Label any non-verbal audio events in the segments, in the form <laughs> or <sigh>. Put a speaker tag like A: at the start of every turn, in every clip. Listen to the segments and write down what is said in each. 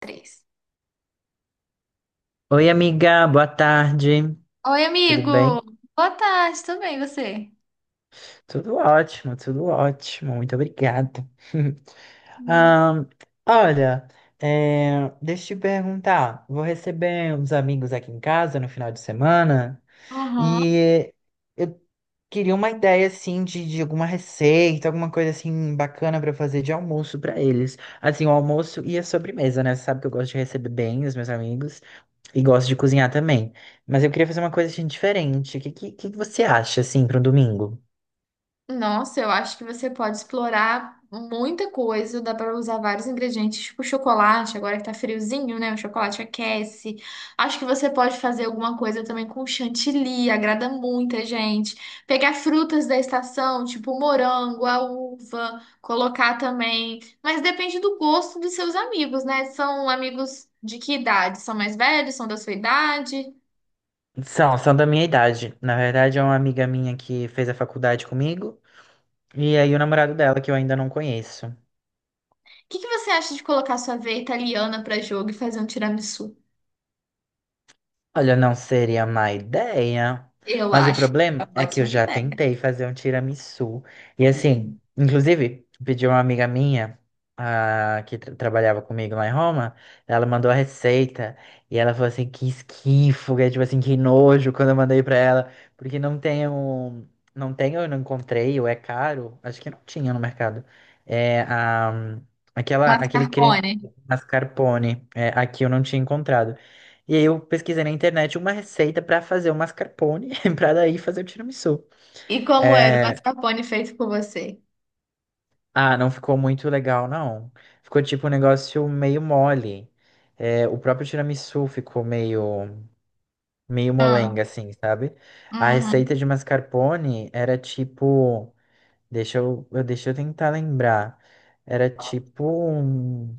A: Três.
B: Oi, amiga, boa tarde.
A: Oi,
B: Tudo
A: amigo!
B: bem?
A: Boa tarde, tudo bem, e você?
B: Tudo ótimo, tudo ótimo. Muito obrigado. <laughs>
A: Hum.
B: Ahn, olha, deixa eu te perguntar. Vou receber uns amigos aqui em casa no final de semana
A: Aham.
B: e eu queria uma ideia assim de alguma receita, alguma coisa assim bacana para fazer de almoço para eles. Assim, o almoço e a sobremesa, né? Você sabe que eu gosto de receber bem os meus amigos. E gosto de cozinhar também. Mas eu queria fazer uma coisa assim, diferente. O que você acha, assim, para um domingo?
A: Nossa, eu acho que você pode explorar muita coisa, dá para usar vários ingredientes, tipo chocolate, agora que tá friozinho, né? O chocolate aquece. Acho que você pode fazer alguma coisa também com chantilly, agrada muita gente. Pegar frutas da estação, tipo morango, a uva, colocar também. Mas depende do gosto dos seus amigos, né? São amigos de que idade? São mais velhos? São da sua idade?
B: São da minha idade. Na verdade, é uma amiga minha que fez a faculdade comigo. E aí o namorado dela, que eu ainda não conheço.
A: O que que você acha de colocar sua veia italiana para jogo e fazer um tiramisu?
B: Olha, não seria má ideia.
A: Eu
B: Mas o
A: acho que é
B: problema
A: uma
B: é que eu
A: ótima
B: já
A: ideia.
B: tentei fazer um tiramisu. E assim, inclusive, pedi uma amiga minha, que trabalhava comigo lá em Roma, ela mandou a receita. E ela falou assim, que esquifo, que é tipo assim, que nojo quando eu mandei pra ela. Porque não tenho, eu não encontrei, ou é caro. Acho que não tinha no mercado. É, a, aquele creme
A: Mascarpone.
B: mascarpone. É, aqui eu não tinha encontrado. E aí eu pesquisei na internet uma receita pra fazer o mascarpone, <laughs> pra daí fazer o tiramisu.
A: E como era o
B: É,
A: mascarpone feito por você?
B: Ah, não ficou muito legal, não. Ficou tipo um negócio meio mole. É, o próprio tiramisu ficou meio
A: Ah,
B: molenga, assim, sabe? A
A: uhum.
B: receita de mascarpone era tipo, deixa eu tentar lembrar. Era tipo um,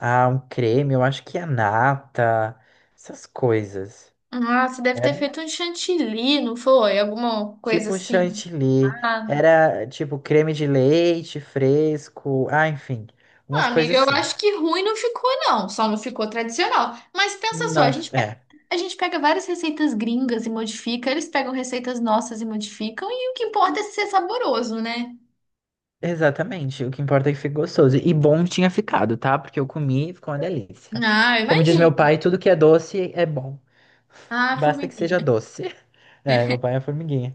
B: ah, um creme, eu acho que a nata, essas coisas.
A: Ah, você deve ter feito um chantilly, não foi? Alguma coisa
B: Tipo
A: assim.
B: chantilly,
A: Nada.
B: era tipo creme de leite fresco, enfim,
A: Ah,
B: umas
A: amiga,
B: coisas
A: eu
B: assim.
A: acho que ruim não ficou, não. Só não ficou tradicional. Mas pensa só,
B: Não, é,
A: a gente pega várias receitas gringas e modifica, eles pegam receitas nossas e modificam, e o que importa é ser saboroso, né?
B: exatamente, o que importa é que fique gostoso. E bom tinha ficado, tá? Porque eu comi e ficou uma delícia.
A: Ah, eu
B: Como diz meu
A: imagino.
B: pai, tudo que é doce é bom,
A: Ah,
B: basta que
A: formiguinha.
B: seja doce. <laughs> É, meu pai é formiguinha.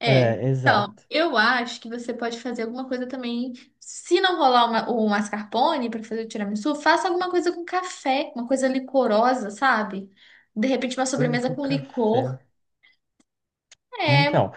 A: É,
B: É, exato.
A: eu acho que você pode fazer alguma coisa também. Se não rolar uma, o mascarpone para fazer o tiramisu, faça alguma coisa com café, uma coisa licorosa, sabe? De repente uma
B: Coisa
A: sobremesa
B: com
A: com licor.
B: café.
A: É,
B: Então,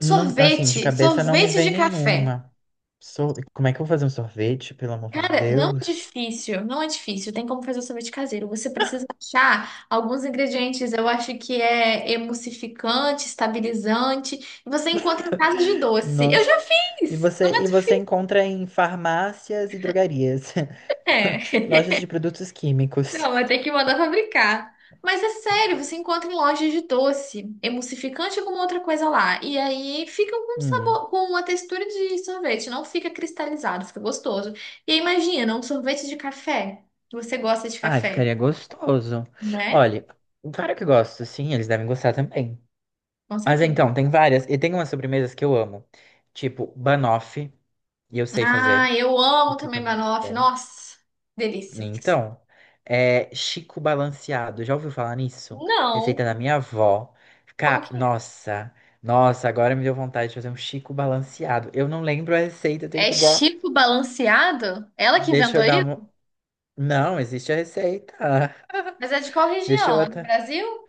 B: não, assim, de
A: sorvete,
B: cabeça não me
A: sorvete
B: vem
A: de café.
B: nenhuma. Como é que eu vou fazer um sorvete, pelo amor de
A: Cara, não é
B: Deus?
A: difícil, não é difícil. Tem como fazer o sorvete caseiro. Você precisa achar alguns ingredientes. Eu acho que é emulsificante, estabilizante. Você encontra em casa de doce. Eu
B: Nossa.
A: já fiz. Não é
B: E você
A: difícil,
B: encontra em farmácias e drogarias,
A: né?
B: <laughs> lojas de produtos químicos.
A: Não, vai ter que mandar fabricar. Mas é sério, você encontra em lojas de doce, emulsificante ou alguma outra coisa lá. E aí fica com um
B: Hum.
A: sabor, com uma textura de sorvete, não fica cristalizado, fica gostoso. E aí, imagina, um sorvete de café. Você gosta de
B: Ai,
A: café,
B: ficaria gostoso.
A: né?
B: Olha, claro que gosto, sim, eles devem gostar também.
A: Com
B: Mas então,
A: certeza.
B: tem várias, e tem umas sobremesas que eu amo, tipo banoffee, e eu sei
A: Ah,
B: fazer,
A: eu
B: e
A: amo
B: fica
A: também
B: muito
A: banoffee.
B: bom.
A: Nossa, delícia.
B: Então, é Chico Balanceado, já ouviu falar nisso? Receita
A: Não,
B: da minha avó.
A: como que
B: Ca... nossa, agora me deu vontade de fazer um Chico Balanceado. Eu não lembro a receita, eu tenho
A: é? É
B: que pegar.
A: Chico Balanceado? Ela que
B: Deixa
A: inventou
B: eu dar uma.
A: isso?
B: Não, existe a receita.
A: Mas é de qual
B: <laughs> Deixa eu
A: região? É do
B: até.
A: Brasil?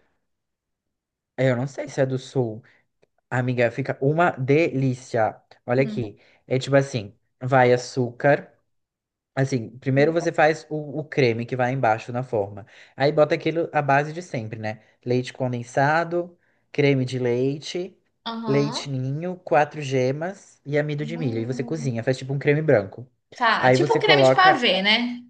B: Eu não sei se é do sul. Amiga, fica uma delícia. Olha
A: Hum.
B: aqui. É tipo assim: vai açúcar. Assim, primeiro você faz o creme que vai embaixo na forma. Aí bota aquilo, a base de sempre, né? Leite condensado, creme de leite, leite
A: Aham.
B: ninho, quatro gemas e amido de milho. E você cozinha,
A: Hum.
B: faz tipo um creme branco.
A: Tá,
B: Aí
A: tipo um
B: você
A: creme de
B: coloca
A: pavê, né?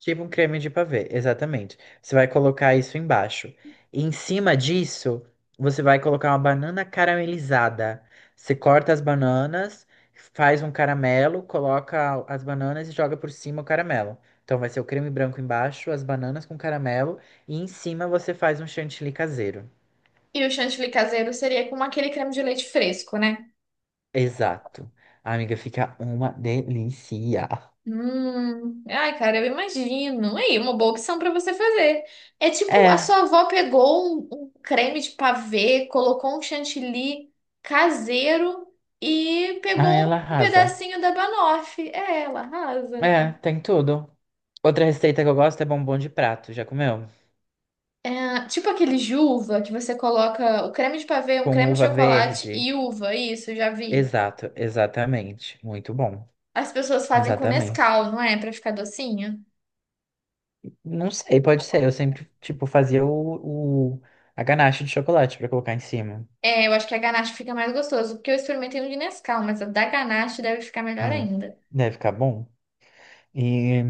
B: tipo um creme de pavê, exatamente. Você vai colocar isso embaixo. E em cima disso, você vai colocar uma banana caramelizada. Você corta as bananas, faz um caramelo, coloca as bananas e joga por cima o caramelo. Então vai ser o creme branco embaixo, as bananas com caramelo e em cima você faz um chantilly caseiro.
A: E o chantilly caseiro seria como aquele creme de leite fresco, né?
B: Exato. A amiga, fica uma delícia.
A: Ai, cara, eu imagino. Aí, uma boa opção pra você fazer. É tipo, a sua
B: É,
A: avó pegou um creme de pavê, colocou um chantilly caseiro e
B: ah,
A: pegou
B: ela
A: um
B: arrasa.
A: pedacinho da banoffee. É, ela arrasa.
B: É, tem tudo. Outra receita que eu gosto é bombom de prato. Já comeu?
A: É, tipo aquele de uva que você coloca o creme de pavê, um
B: Com
A: creme de
B: uva
A: chocolate
B: verde.
A: e uva, isso, já vi.
B: Exato, exatamente. Muito bom.
A: As pessoas fazem com
B: Exatamente.
A: Nescau, não é? Pra ficar docinho.
B: Não sei, pode ser. Eu sempre, tipo, a ganache de chocolate pra colocar em cima.
A: É, eu acho que a ganache fica mais gostoso, porque eu experimentei um de Nescau, mas a da ganache deve ficar melhor
B: Hum,
A: ainda.
B: deve ficar bom. E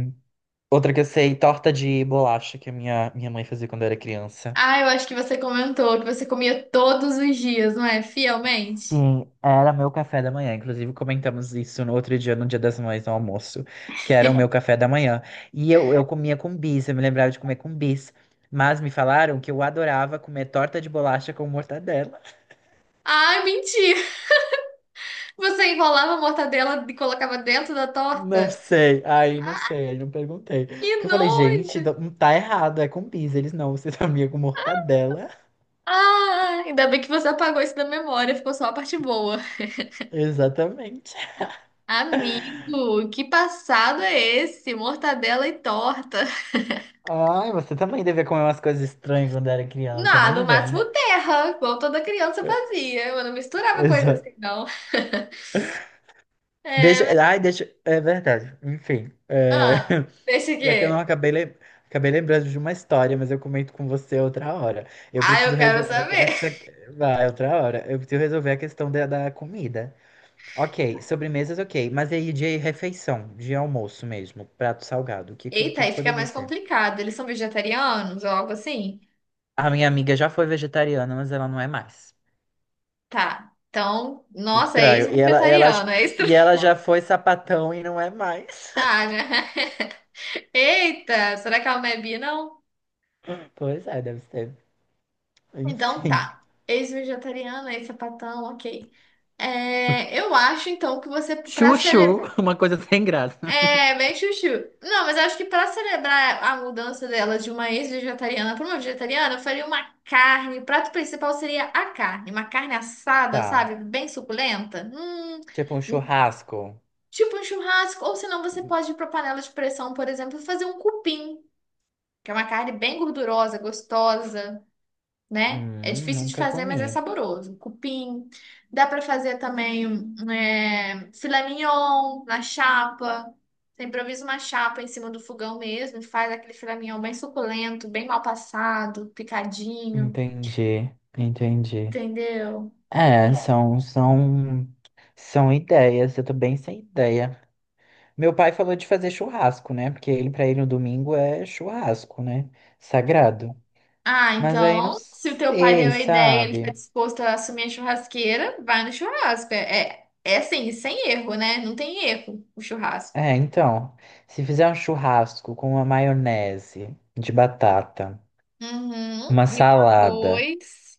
B: outra que eu sei, torta de bolacha que a minha mãe fazia quando eu era criança.
A: Ah, eu acho que você comentou que você comia todos os dias, não é? Fielmente.
B: Sim, era meu café da manhã. Inclusive, comentamos isso no outro dia, no Dia das Mães, no almoço, que era o meu café da manhã. E eu comia com bis, eu me lembrava de comer com bis. Mas me falaram que eu adorava comer torta de bolacha com mortadela.
A: Ah, mentira! <laughs> Você enrolava a mortadela e colocava dentro da
B: Não
A: torta?
B: sei, aí não
A: Ah,
B: sei, aí não perguntei.
A: que
B: Porque eu falei, gente,
A: nojo!
B: tá tá errado, é com bis. Eles não, você <laughs> sabia com mortadela.
A: Ah, ainda bem que você apagou isso da memória, ficou só a parte boa.
B: Exatamente.
A: Amigo, que passado é esse? Mortadela e torta.
B: Ai, você também devia comer umas coisas estranhas quando era criança,
A: Não, no
B: nem
A: máximo
B: vem.
A: terra, igual toda criança fazia. Eu não misturava coisa assim, não. É,
B: É verdade. Enfim, é,
A: ah,
B: <laughs>
A: deixa
B: já que eu não
A: aqui.
B: acabei, lem- acabei lembrando de uma história, mas eu comento com você outra hora. Eu
A: Ah,
B: preciso
A: eu quero
B: resolver aqui- ah,
A: saber.
B: que você- vai, outra hora. Eu preciso resolver a questão da comida. Ok, sobremesas, ok. Mas aí de refeição, de almoço mesmo, prato salgado, o que, que,
A: Eita,
B: que que
A: aí fica
B: poderia
A: mais
B: ser?
A: complicado. Eles são vegetarianos ou algo assim?
B: A minha amiga já foi vegetariana, mas ela não é mais.
A: Tá. Então, nossa, é
B: Estranho.
A: ex-vegetariano, é extra.
B: E
A: <laughs>
B: ela já foi sapatão e não é mais.
A: Ah,
B: <laughs>
A: né? Eita, será que ela não é bi, não?
B: Pois é, deve ser.
A: Então
B: Enfim.
A: tá. Ex-vegetariana, ex-sapatão, ok. É, eu acho então que você, pra
B: Chuchu,
A: celebrar.
B: <laughs> uma coisa sem graça.
A: É, meio chuchu. Não, mas eu acho que pra celebrar a mudança dela de uma ex-vegetariana pra uma vegetariana, eu faria uma carne. O prato principal seria a carne. Uma carne assada,
B: Tá.
A: sabe? Bem suculenta.
B: Tipo um
A: Um-
B: churrasco.
A: tipo um churrasco. Ou senão você pode ir pra panela de pressão, por exemplo, e fazer um cupim, que é uma carne bem gordurosa, gostosa, né? É difícil de
B: Nunca
A: fazer, mas é
B: comi.
A: saboroso. Cupim. Dá para fazer também um, é, filé mignon na chapa. Você improvisa uma chapa em cima do fogão mesmo, faz aquele filé mignon bem suculento, bem mal passado, picadinho,
B: Entendi, entendi.
A: entendeu?
B: É, são ideias. Eu tô bem sem ideia. Meu pai falou de fazer churrasco, né? Porque ele, pra ele, no domingo é churrasco, né? Sagrado.
A: Ah,
B: Mas aí não
A: então, se o teu pai
B: sei,
A: deu a ideia, ele está
B: sabe?
A: disposto a assumir a churrasqueira, vai no churrasco. É, é assim, sem erro, né? Não tem erro o churrasco.
B: É, então, se fizer um churrasco com uma maionese de batata,
A: Uhum.
B: uma
A: E um
B: salada.
A: arroz.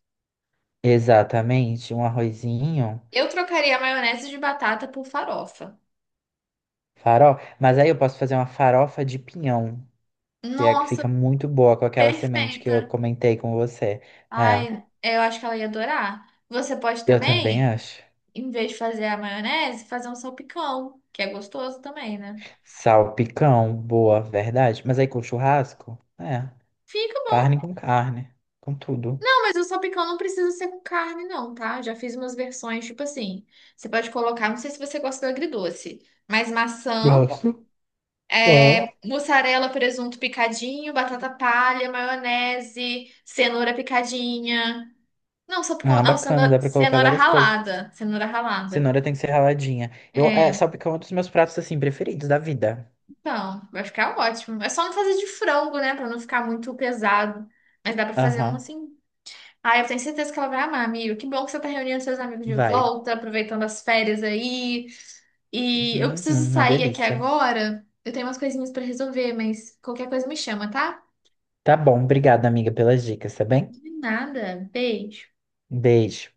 B: Exatamente, um arrozinho,
A: Eu trocaria a maionese de batata por farofa.
B: farofa. Mas aí eu posso fazer uma farofa de pinhão, que é a que
A: Nossa,
B: fica muito boa com aquela semente que eu
A: perfeita.
B: comentei com você. É,
A: Ai, eu acho que ela ia adorar. Você pode
B: eu também
A: também,
B: acho.
A: em vez de fazer a maionese, fazer um salpicão, que é gostoso também, né?
B: Salpicão, boa, verdade. Mas aí com churrasco? É,
A: Fica bom.
B: carne, com tudo.
A: Não, mas o salpicão não precisa ser com carne, não, tá? Já fiz umas versões, tipo assim. Você pode colocar, não sei se você gosta do agridoce, mas maçã,
B: Gosto.
A: é,
B: Ah.
A: mussarela, presunto picadinho, batata palha, maionese, cenoura picadinha. Não, só por
B: Ah,
A: conta. Não,
B: bacana,
A: cenoura,
B: dá pra colocar
A: cenoura
B: várias coisas.
A: ralada. Cenoura ralada.
B: Cenoura tem que ser raladinha.
A: É,
B: Salpicão é um dos meus pratos, assim, preferidos da vida.
A: então, vai ficar ótimo. É só não fazer de frango, né? Pra não ficar muito pesado. Mas dá pra fazer um
B: Aham,
A: assim. Ah, eu tenho certeza que ela vai amar, amigo. Que bom que você tá reunindo seus amigos de
B: vai.
A: volta, aproveitando as férias aí. E eu
B: Uhum,
A: preciso
B: uma
A: sair aqui
B: delícia.
A: agora. Eu tenho umas coisinhas pra resolver, mas qualquer coisa me chama, tá?
B: Tá bom, obrigada, amiga, pelas dicas, tá bem?
A: De nada. Beijo.
B: Beijo.